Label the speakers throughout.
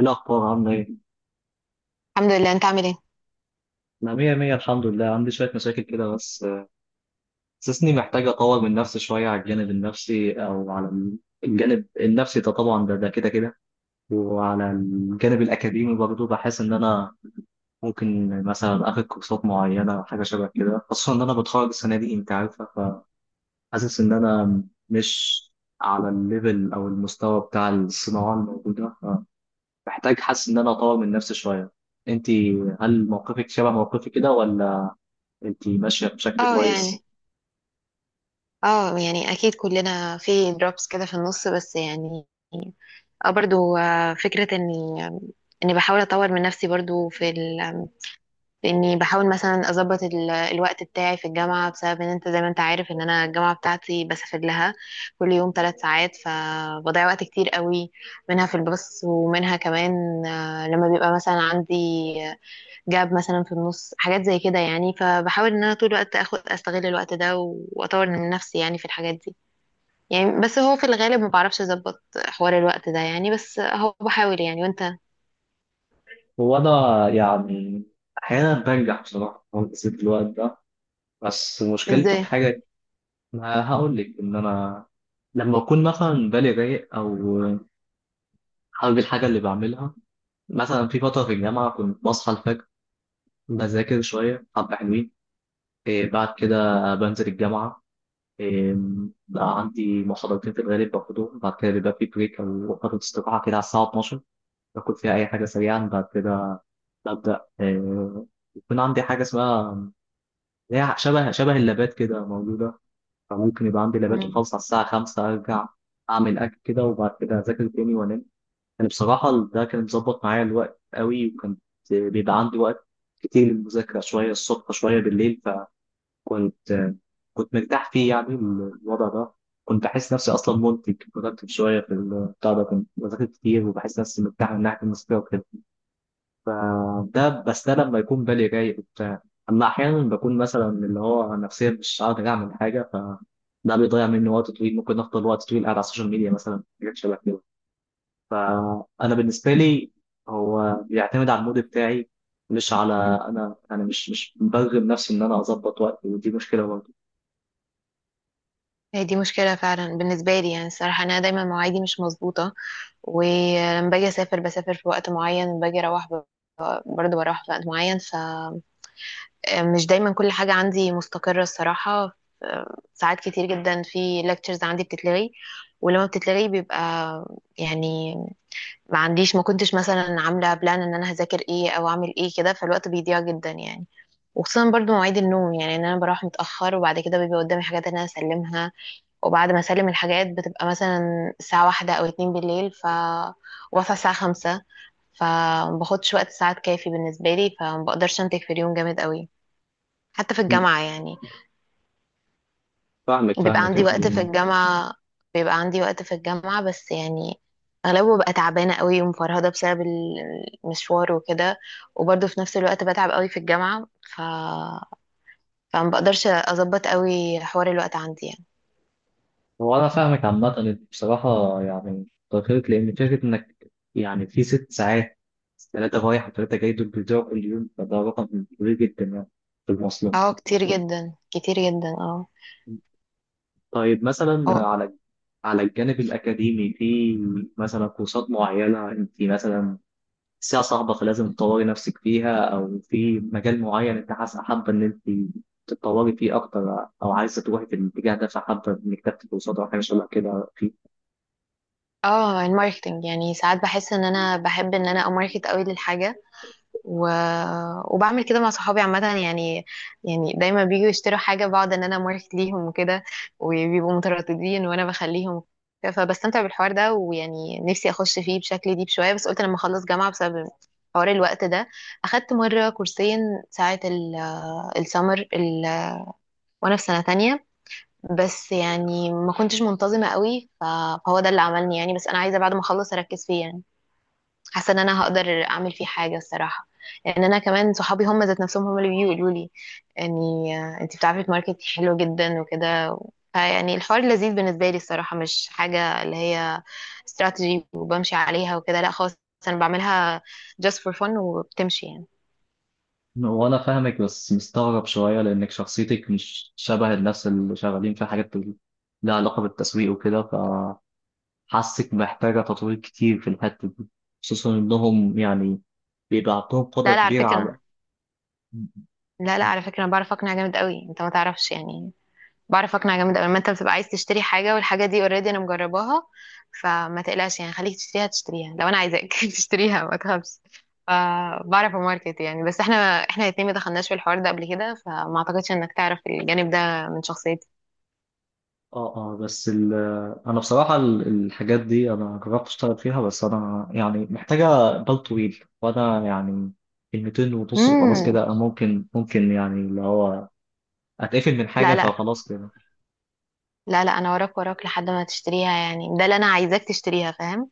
Speaker 1: إيه الأخبار عاملة إيه؟
Speaker 2: الحمد لله. انت عامل ايه؟
Speaker 1: أنا مية مية، الحمد لله. عندي شوية مشاكل كده بس حاسسني محتاج أطور من نفسي شوية على الجانب النفسي ده. طبعا ده كده كده. وعلى الجانب الأكاديمي برضه بحس إن أنا ممكن مثلا آخد كورسات معينة أو حاجة شبه كده، خصوصا إن أنا بتخرج السنة دي، أنت عارفة. فحاسس إن أنا مش على الليفل أو المستوى بتاع الصناعة الموجودة، فمحتاج، حاسس إن أنا أطور من نفسي شوية. أنت، هل موقفك شبه موقفي كده ولا انت ماشيه بشكل
Speaker 2: اه
Speaker 1: كويس؟
Speaker 2: يعني اه يعني اكيد كلنا في دروبس كده في النص، بس يعني اه برضو، فكرة اني بحاول اطور من نفسي برضو في اني بحاول مثلا اظبط الوقت بتاعي في الجامعة، بسبب ان انت زي ما انت عارف ان انا الجامعة بتاعتي بسافر لها كل يوم 3 ساعات، فبضيع وقت كتير قوي، منها في الباص ومنها كمان لما بيبقى مثلا عندي جاب مثلا في النص حاجات زي كده يعني. فبحاول ان انا طول الوقت استغل الوقت ده و- واطور من نفسي يعني في الحاجات دي، يعني بس هو في الغالب ما بعرفش اظبط حوار الوقت ده يعني، بس هو بحاول يعني. وانت؟
Speaker 1: وانا يعني احيانا بنجح بصراحه في تنظيم الوقت ده، بس مشكلتي في
Speaker 2: ازاي؟
Speaker 1: حاجه. ما هقول لك ان انا لما اكون مثلا بالي رايق او حابب الحاجه اللي بعملها، مثلا في فتره في الجامعه كنت بصحى الفجر، بذاكر شويه حبه حلوين، إيه بعد كده بنزل الجامعه، إيه بقى عندي محاضرتين في الغالب باخدهم. بعد كده بيبقى في بريك او فتره استراحه كده على الساعه 12، باكل فيها اي حاجه سريعا. بعد كده ببدأ يكون عندي حاجة اسمها، اللي هي شبه اللابات كده موجودة. فممكن يبقى عندي لابات،
Speaker 2: مم.
Speaker 1: وخلص على الساعة 5 أرجع أعمل أكل كده، وبعد كده أذاكر تاني وأنام. يعني بصراحة ده كان مظبط معايا الوقت قوي، وكان بيبقى عندي وقت كتير للمذاكرة، شوية الصبح شوية بالليل. فكنت آه، كنت مرتاح فيه يعني الوضع ده. كنت بحس نفسي أصلا منتج productive شوية في البتاع ده، كنت بذاكر كتير وبحس نفسي مرتاح من ناحية المذاكرة وكده. ده بس ده لما يكون بالي رايق وبتاع. اما احيانا بكون مثلا اللي هو نفسيا مش قادر اعمل حاجه، فده بيضيع مني وقت طويل، ممكن افضل وقت طويل قاعد على السوشيال ميديا مثلا، حاجات شبه كده. فانا بالنسبه لي هو بيعتمد على المود بتاعي، مش على
Speaker 2: مم.
Speaker 1: انا مش برغم نفسي ان انا اظبط وقتي، ودي مشكله برضه.
Speaker 2: هي دي مشكلة فعلا بالنسبة لي يعني. الصراحة أنا دايما مواعيدي مش مظبوطة، ولما باجي أسافر بسافر في وقت معين، لما باجي أروح برضه بروح في وقت معين. ف مش دايما كل حاجة عندي مستقرة الصراحة. ساعات كتير جدا في lectures عندي بتتلغي، ولما بتتلغي بيبقى يعني، ما عنديش، ما كنتش مثلا عاملة بلان ان انا هذاكر ايه او اعمل ايه كده، فالوقت بيضيع جدا يعني. وخصوصا برضو مواعيد النوم، يعني ان انا بروح متأخر، وبعد كده بيبقى قدامي حاجات ان انا اسلمها، وبعد ما اسلم الحاجات بتبقى مثلا الساعة 1 او 2 بالليل، ف واصحى الساعة 5. فمباخدش وقت ساعات كافي بالنسبة لي، فمبقدرش انتج في اليوم جامد قوي حتى في الجامعة يعني.
Speaker 1: فاهمك
Speaker 2: بيبقى
Speaker 1: فاهمك
Speaker 2: عندي
Speaker 1: انت.
Speaker 2: وقت في الجامعة بيبقى عندي وقت في الجامعة بس يعني أغلبه ببقى تعبانة قوي ومفرهدة بسبب المشوار وكده، وبرضه في نفس الوقت بتعب قوي في الجامعة. ف... فما بقدرش أظبط قوي حوار الوقت عندي يعني.
Speaker 1: هو أنا فاهمك عامة، أنت بصراحة يعني تأخرت لأن فكرة إنك يعني في 6 ساعات، ثلاثة رايح وثلاثة جاي، دول بيضيعوا كل يوم، فده رقم كبير جدا يعني، في المواصلات.
Speaker 2: اه كتير جدا، كتير جدا، اه.
Speaker 1: طيب
Speaker 2: هو-
Speaker 1: مثلا على، على الجانب الأكاديمي، في مثلا كورسات معينة أنت مثلا ساعة صعبة فلازم تطوري نفسك فيها، أو في مجال معين أنت حاسة حابة إن أنت تتطوري فيه أكتر، أو عايزة تروحي في الاتجاه ده فحابة إنك تاخدي كورسات أو حاجة شبه كده فيه.
Speaker 2: اه، الماركتنج. يعني ساعات بحس ان انا بحب ان انا اماركت قوي للحاجة، و... وبعمل كده مع صحابي عامة يعني. يعني دايما بيجوا يشتروا حاجة بقعد ان انا ماركت ليهم وكده، وبيبقوا مترددين وانا بخليهم وكده. فبستمتع بالحوار ده، ويعني نفسي اخش فيه بشكل ديب شوية، بس قلت لما اخلص جامعة بسبب حوار الوقت ده. اخدت مرة كورسين ساعة السمر، وانا في سنة تانية، بس يعني ما كنتش منتظمة قوي. فهو ده اللي عملني يعني. بس انا عايزة بعد ما اخلص اركز فيه يعني، حاسه ان انا هقدر اعمل فيه حاجه الصراحه، لان انا كمان صحابي هم ذات نفسهم هم اللي بيقولوا لي يعني، انت بتعرفي تماركتي حلو جدا وكده. فيعني الحوار لذيذ بالنسبه لي الصراحه، مش حاجه اللي هي استراتيجي وبمشي عليها وكده، لا خالص. انا بعملها just for fun وبتمشي يعني.
Speaker 1: وانا فاهمك بس مستغرب شويه لانك شخصيتك مش شبه الناس اللي شغالين في حاجات لها علاقه بالتسويق وكده، فحاسك محتاجه تطوير كتير في الحته دي، خصوصا انهم يعني بيبقى عندهم قدره
Speaker 2: لا لا، على
Speaker 1: كبيره على.
Speaker 2: فكره، انا بعرف اقنع جامد قوي، انت ما تعرفش يعني. بعرف اقنع جامد قوي، لما انت بتبقى عايز تشتري حاجه والحاجه دي اوريدي انا مجرباها، فما تقلقش يعني. خليك تشتريها، تشتريها، لو انا عايزاك تشتريها ما تخافش. فبعرف اماركت يعني. بس احنا الاتنين ما دخلناش في الحوار ده قبل كده، فما اعتقدش انك تعرف الجانب ده من شخصيتي.
Speaker 1: اه اه انا بصراحه الحاجات دي انا جربت اشتغل فيها، بس انا يعني محتاجه بال طويل، وانا يعني كلمتين ونص خلاص
Speaker 2: امم.
Speaker 1: كده، أنا ممكن يعني اللي هو اتقفل من حاجه
Speaker 2: لا لا.
Speaker 1: فخلاص كده.
Speaker 2: لا لا، انا وراك وراك لحد ما تشتريها يعني، ده اللي انا عايزاك تشتريها فاهم؟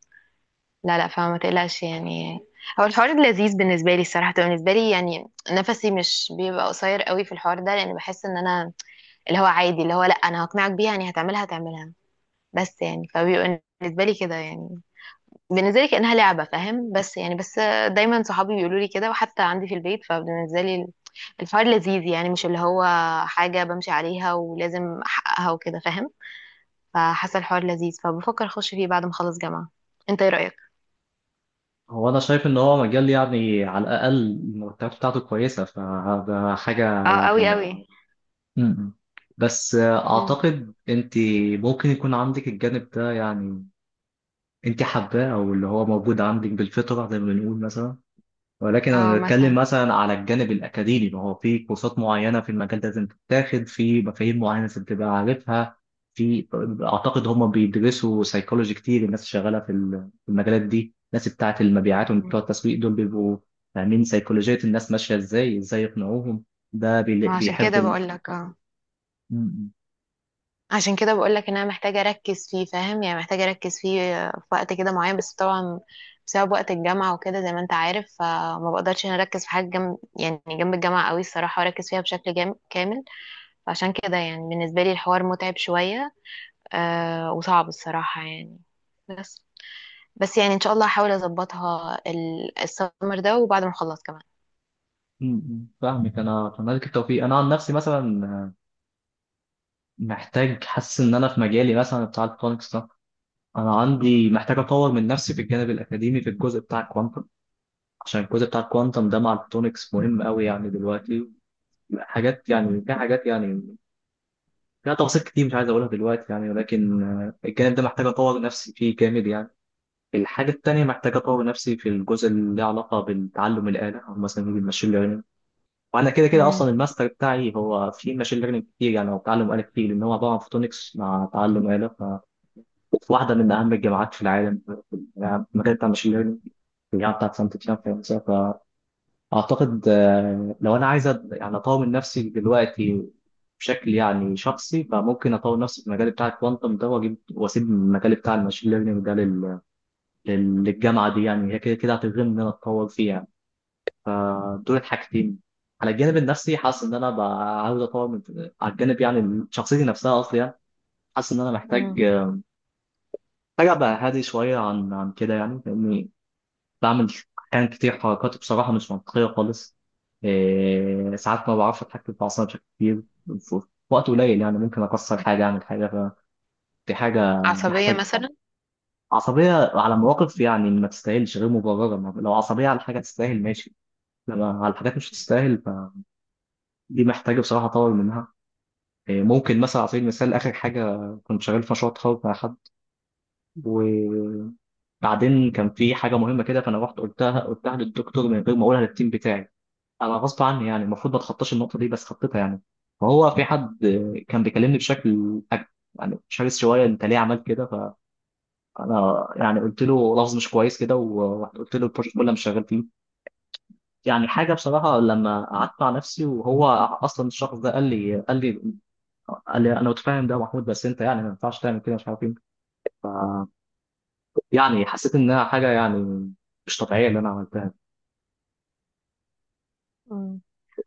Speaker 2: لا لا، فما تقلقش يعني. هو الحوار لذيذ بالنسبه لي الصراحه، بالنسبه لي يعني نفسي مش بيبقى قصير قوي في الحوار ده، لان بحس ان انا اللي هو عادي، اللي هو لا انا هقنعك بيها يعني، هتعملها هتعملها. بس يعني فبيبقى بالنسبه لي كده يعني، بالنسبه لي كانها لعبه فاهم؟ بس يعني، دايما صحابي بيقولوا لي كده، وحتى عندي في البيت. فبالنسبه لي الحوار لذيذ يعني، مش اللي هو حاجه بمشي عليها ولازم احققها وكده فاهم؟ فحاسه الحوار لذيذ، فبفكر اخش فيه بعد ما اخلص جامعه. انت ايه رايك؟
Speaker 1: هو انا شايف ان هو مجال يعني على الاقل المرتبات بتاعته كويسه، فده حاجه
Speaker 2: اه، قوي
Speaker 1: يعني.
Speaker 2: قوي.
Speaker 1: م-م. بس
Speaker 2: مم.
Speaker 1: اعتقد انت ممكن يكون عندك الجانب ده يعني، انت حباه او اللي هو موجود عندك بالفطره زي ما بنقول مثلا. ولكن
Speaker 2: اه
Speaker 1: انا بتكلم
Speaker 2: مثلا.
Speaker 1: مثلا على الجانب الاكاديمي، ما هو في كورسات معينه في المجال ده لازم تتاخد، في مفاهيم معينه لازم تبقى عارفها. في، اعتقد هم بيدرسوا سيكولوجي كتير، الناس اللي شغاله في في المجالات دي، الناس بتاعه المبيعات وبتوع
Speaker 2: مم.
Speaker 1: التسويق دول بيبقوا فاهمين سيكولوجيه الناس ماشيه ازاي، ازاي يقنعوهم. ده بي-
Speaker 2: ما عشان
Speaker 1: بيحب
Speaker 2: كده بقول لك، اه
Speaker 1: م-
Speaker 2: عشان كده بقول لك ان انا محتاجه اركز فيه فاهم؟ يعني محتاجه اركز فيه في وقت كده معين. بس طبعا بسبب وقت الجامعه وكده زي ما انت عارف، فما بقدرش ان أنا اركز في حاجه جنب يعني جنب الجامعه قوي الصراحه، واركز فيها بشكل كامل. فعشان كده يعني بالنسبه لي الحوار متعب شويه، آه وصعب الصراحه يعني. بس بس يعني ان شاء الله هحاول اظبطها السمر ده، وبعد ما اخلص كمان.
Speaker 1: فاهمك. انا اتمنى لك التوفيق. انا عن نفسي مثلا محتاج، حاسس ان انا في مجالي مثلا بتاع الكترونكس، انا عندي محتاج اطور من نفسي في الجانب الاكاديمي في الجزء بتاع الكوانتم، عشان الجزء بتاع الكوانتم ده مع الفوتونكس مهم قوي يعني دلوقتي. حاجات يعني، في حاجات يعني فيها تفاصيل كتير مش عايز اقولها دلوقتي يعني، ولكن الجانب ده محتاج اطور نفسي فيه جامد يعني. الحاجه التانيه محتاج اطور نفسي في الجزء اللي له علاقه بالتعلم الاله او مثلا بالماشين ليرنينج. وانا كده كده اصلا الماستر بتاعي هو في ماشين ليرنينج كتير، يعني هو تعلم اله كتير، لان هو عباره عن فوتونكس مع تعلم اله، واحده من اهم الجامعات في العالم في المجال بتاع الماشين ليرنينج، الجامعه بتاعت سانت تيان فرنسا. فاعتقد لو انا عايز يعني اطور نفسي دلوقتي بشكل يعني شخصي، فممكن اطور نفسي في المجال بتاع الكوانتم ده واجيب، واسيب المجال بتاع الماشين ليرنينج ده للجامعه دي، يعني هي كده كده هتلزمني ان انا اتطور فيها يعني. فدول الحاجتين. على الجانب النفسي حاسس ان انا بقى عاوز اطور من، على الجانب يعني شخصيتي نفسها اصلا يعني. حاسس ان انا محتاج
Speaker 2: امم.
Speaker 1: محتاج ابقى هادي شويه عن كده يعني، لاني بعمل أحيان كتير حركات بصراحة مش منطقية خالص. إيه ساعات ما بعرفش أتحكم في أعصابي بشكل كبير. في وقت قليل يعني ممكن أكسر حاجة، أعمل حاجة. فدي حاجة
Speaker 2: عصبيه
Speaker 1: محتاج،
Speaker 2: مثلا؟
Speaker 1: عصبية على مواقف يعني ما تستاهلش، غير مبررة، لو عصبية على حاجة تستاهل ماشي، لما على حاجات مش تستاهل فدي محتاجة بصراحة أطور منها. إيه، ممكن مثلا على سبيل المثال آخر حاجة، كنت شغال في مشروع تخرج مع حد، وبعدين كان في حاجة مهمة كده، فأنا رحت قلتها للدكتور من غير ما أقولها للتيم بتاعي، انا غصب عني يعني، المفروض ما اتخطاش النقطه دي بس خطيتها يعني. فهو في حد كان بيكلمني بشكل يعني شرس شويه، انت ليه عملت كده؟ فانا يعني قلت له لفظ مش كويس كده، وقلت له البروجكت كله مش شغال فيه، يعني حاجه بصراحه، لما قعدت مع نفسي. وهو اصلا الشخص ده قال لي انا متفاهم ده يا محمود، بس انت يعني ما ينفعش تعمل كده، مش عارف ايه. يعني حسيت انها حاجه يعني مش طبيعيه اللي انا عملتها.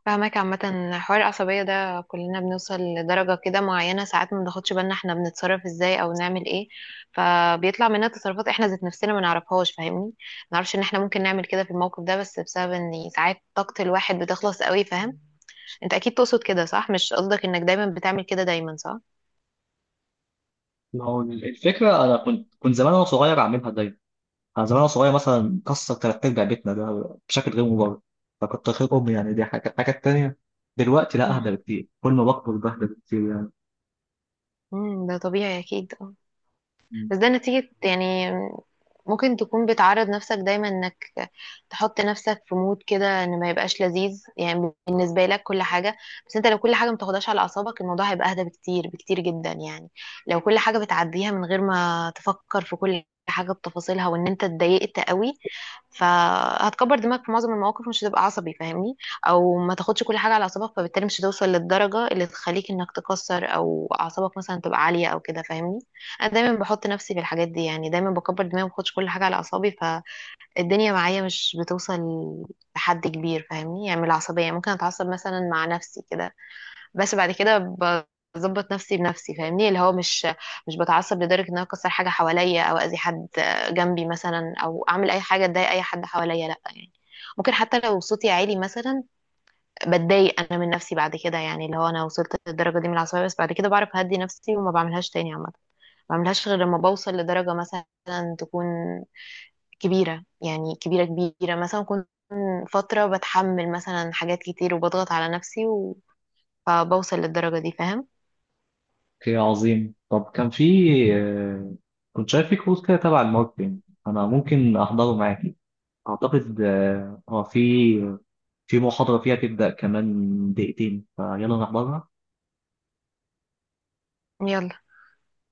Speaker 2: فاهمك عامة. حوار العصبية ده كلنا بنوصل لدرجة كده معينة، ساعات ما بناخدش بالنا احنا بنتصرف ازاي او نعمل ايه، فبيطلع مننا تصرفات احنا ذات نفسنا ما نعرفهاش فاهمني. ما نعرفش ان احنا ممكن نعمل كده في الموقف ده، بس بسبب ان ساعات طاقة الواحد بتخلص قوي فاهم؟ انت اكيد تقصد كده صح، مش قصدك انك دايما بتعمل كده دايما صح؟
Speaker 1: ما هو الفكره، انا كنت زمان وانا صغير اعملها دايما. انا زمان وأنا صغير مثلا كسر تلات ارباع بيتنا ده بشكل غير مبرر، فكنت خير امي يعني، دي حاجه. الحاجه التانيه، دلوقتي لا،
Speaker 2: مم.
Speaker 1: اهدى بكتير، كل ما بكبر بهدى بكتير يعني.
Speaker 2: مم، ده طبيعي اكيد.
Speaker 1: مم.
Speaker 2: بس ده نتيجة يعني، ممكن تكون بتعرض نفسك دايما انك تحط نفسك في مود كده ان ما يبقاش لذيذ يعني بالنسبة لك كل حاجة. بس انت لو كل حاجة ما تاخدهاش على اعصابك، الموضوع هيبقى اهدى بكتير، بكتير جدا يعني. لو كل حاجة بتعديها من غير ما تفكر في كل حاجة بتفاصيلها وان انت اتضايقت قوي، فهتكبر دماغك في معظم المواقف، مش هتبقى عصبي فاهمني؟ او ما تاخدش كل حاجه على اعصابك، فبالتالي مش هتوصل للدرجه اللي تخليك انك تكسر، او اعصابك مثلا تبقى عاليه او كده فاهمني؟ انا دايما بحط نفسي في الحاجات دي يعني، دايما بكبر دماغي، ما باخدش كل حاجه على اعصابي، فالدنيا معايا مش بتوصل لحد كبير فاهمني؟ يعني من العصبيه ممكن اتعصب مثلا مع نفسي كده، بس بعد كده بظبط نفسي بنفسي فاهمني؟ اللي هو مش بتعصب لدرجة ان انا اكسر حاجة حواليا او اذي حد جنبي مثلا او اعمل اي حاجة تضايق اي حد حواليا، لا يعني. ممكن حتى لو صوتي عالي مثلا بتضايق انا من نفسي بعد كده، يعني اللي هو انا وصلت للدرجة دي من العصبية، بس بعد كده بعرف اهدي نفسي وما بعملهاش تاني عامة. ما بعملهاش غير لما بوصل لدرجة مثلا تكون كبيرة، يعني كبيرة كبيرة، مثلا كنت فترة بتحمل مثلا حاجات كتير وبضغط على نفسي، فبوصل للدرجة دي فاهم؟
Speaker 1: اوكي عظيم. طب كان في آه، كنت شايف في كورس كده تبع الماركتينج، انا ممكن احضره معاكي. اعتقد اه في محاضره فيها تبدا كمان دقيقتين، فيلا نحضرها.
Speaker 2: يلا.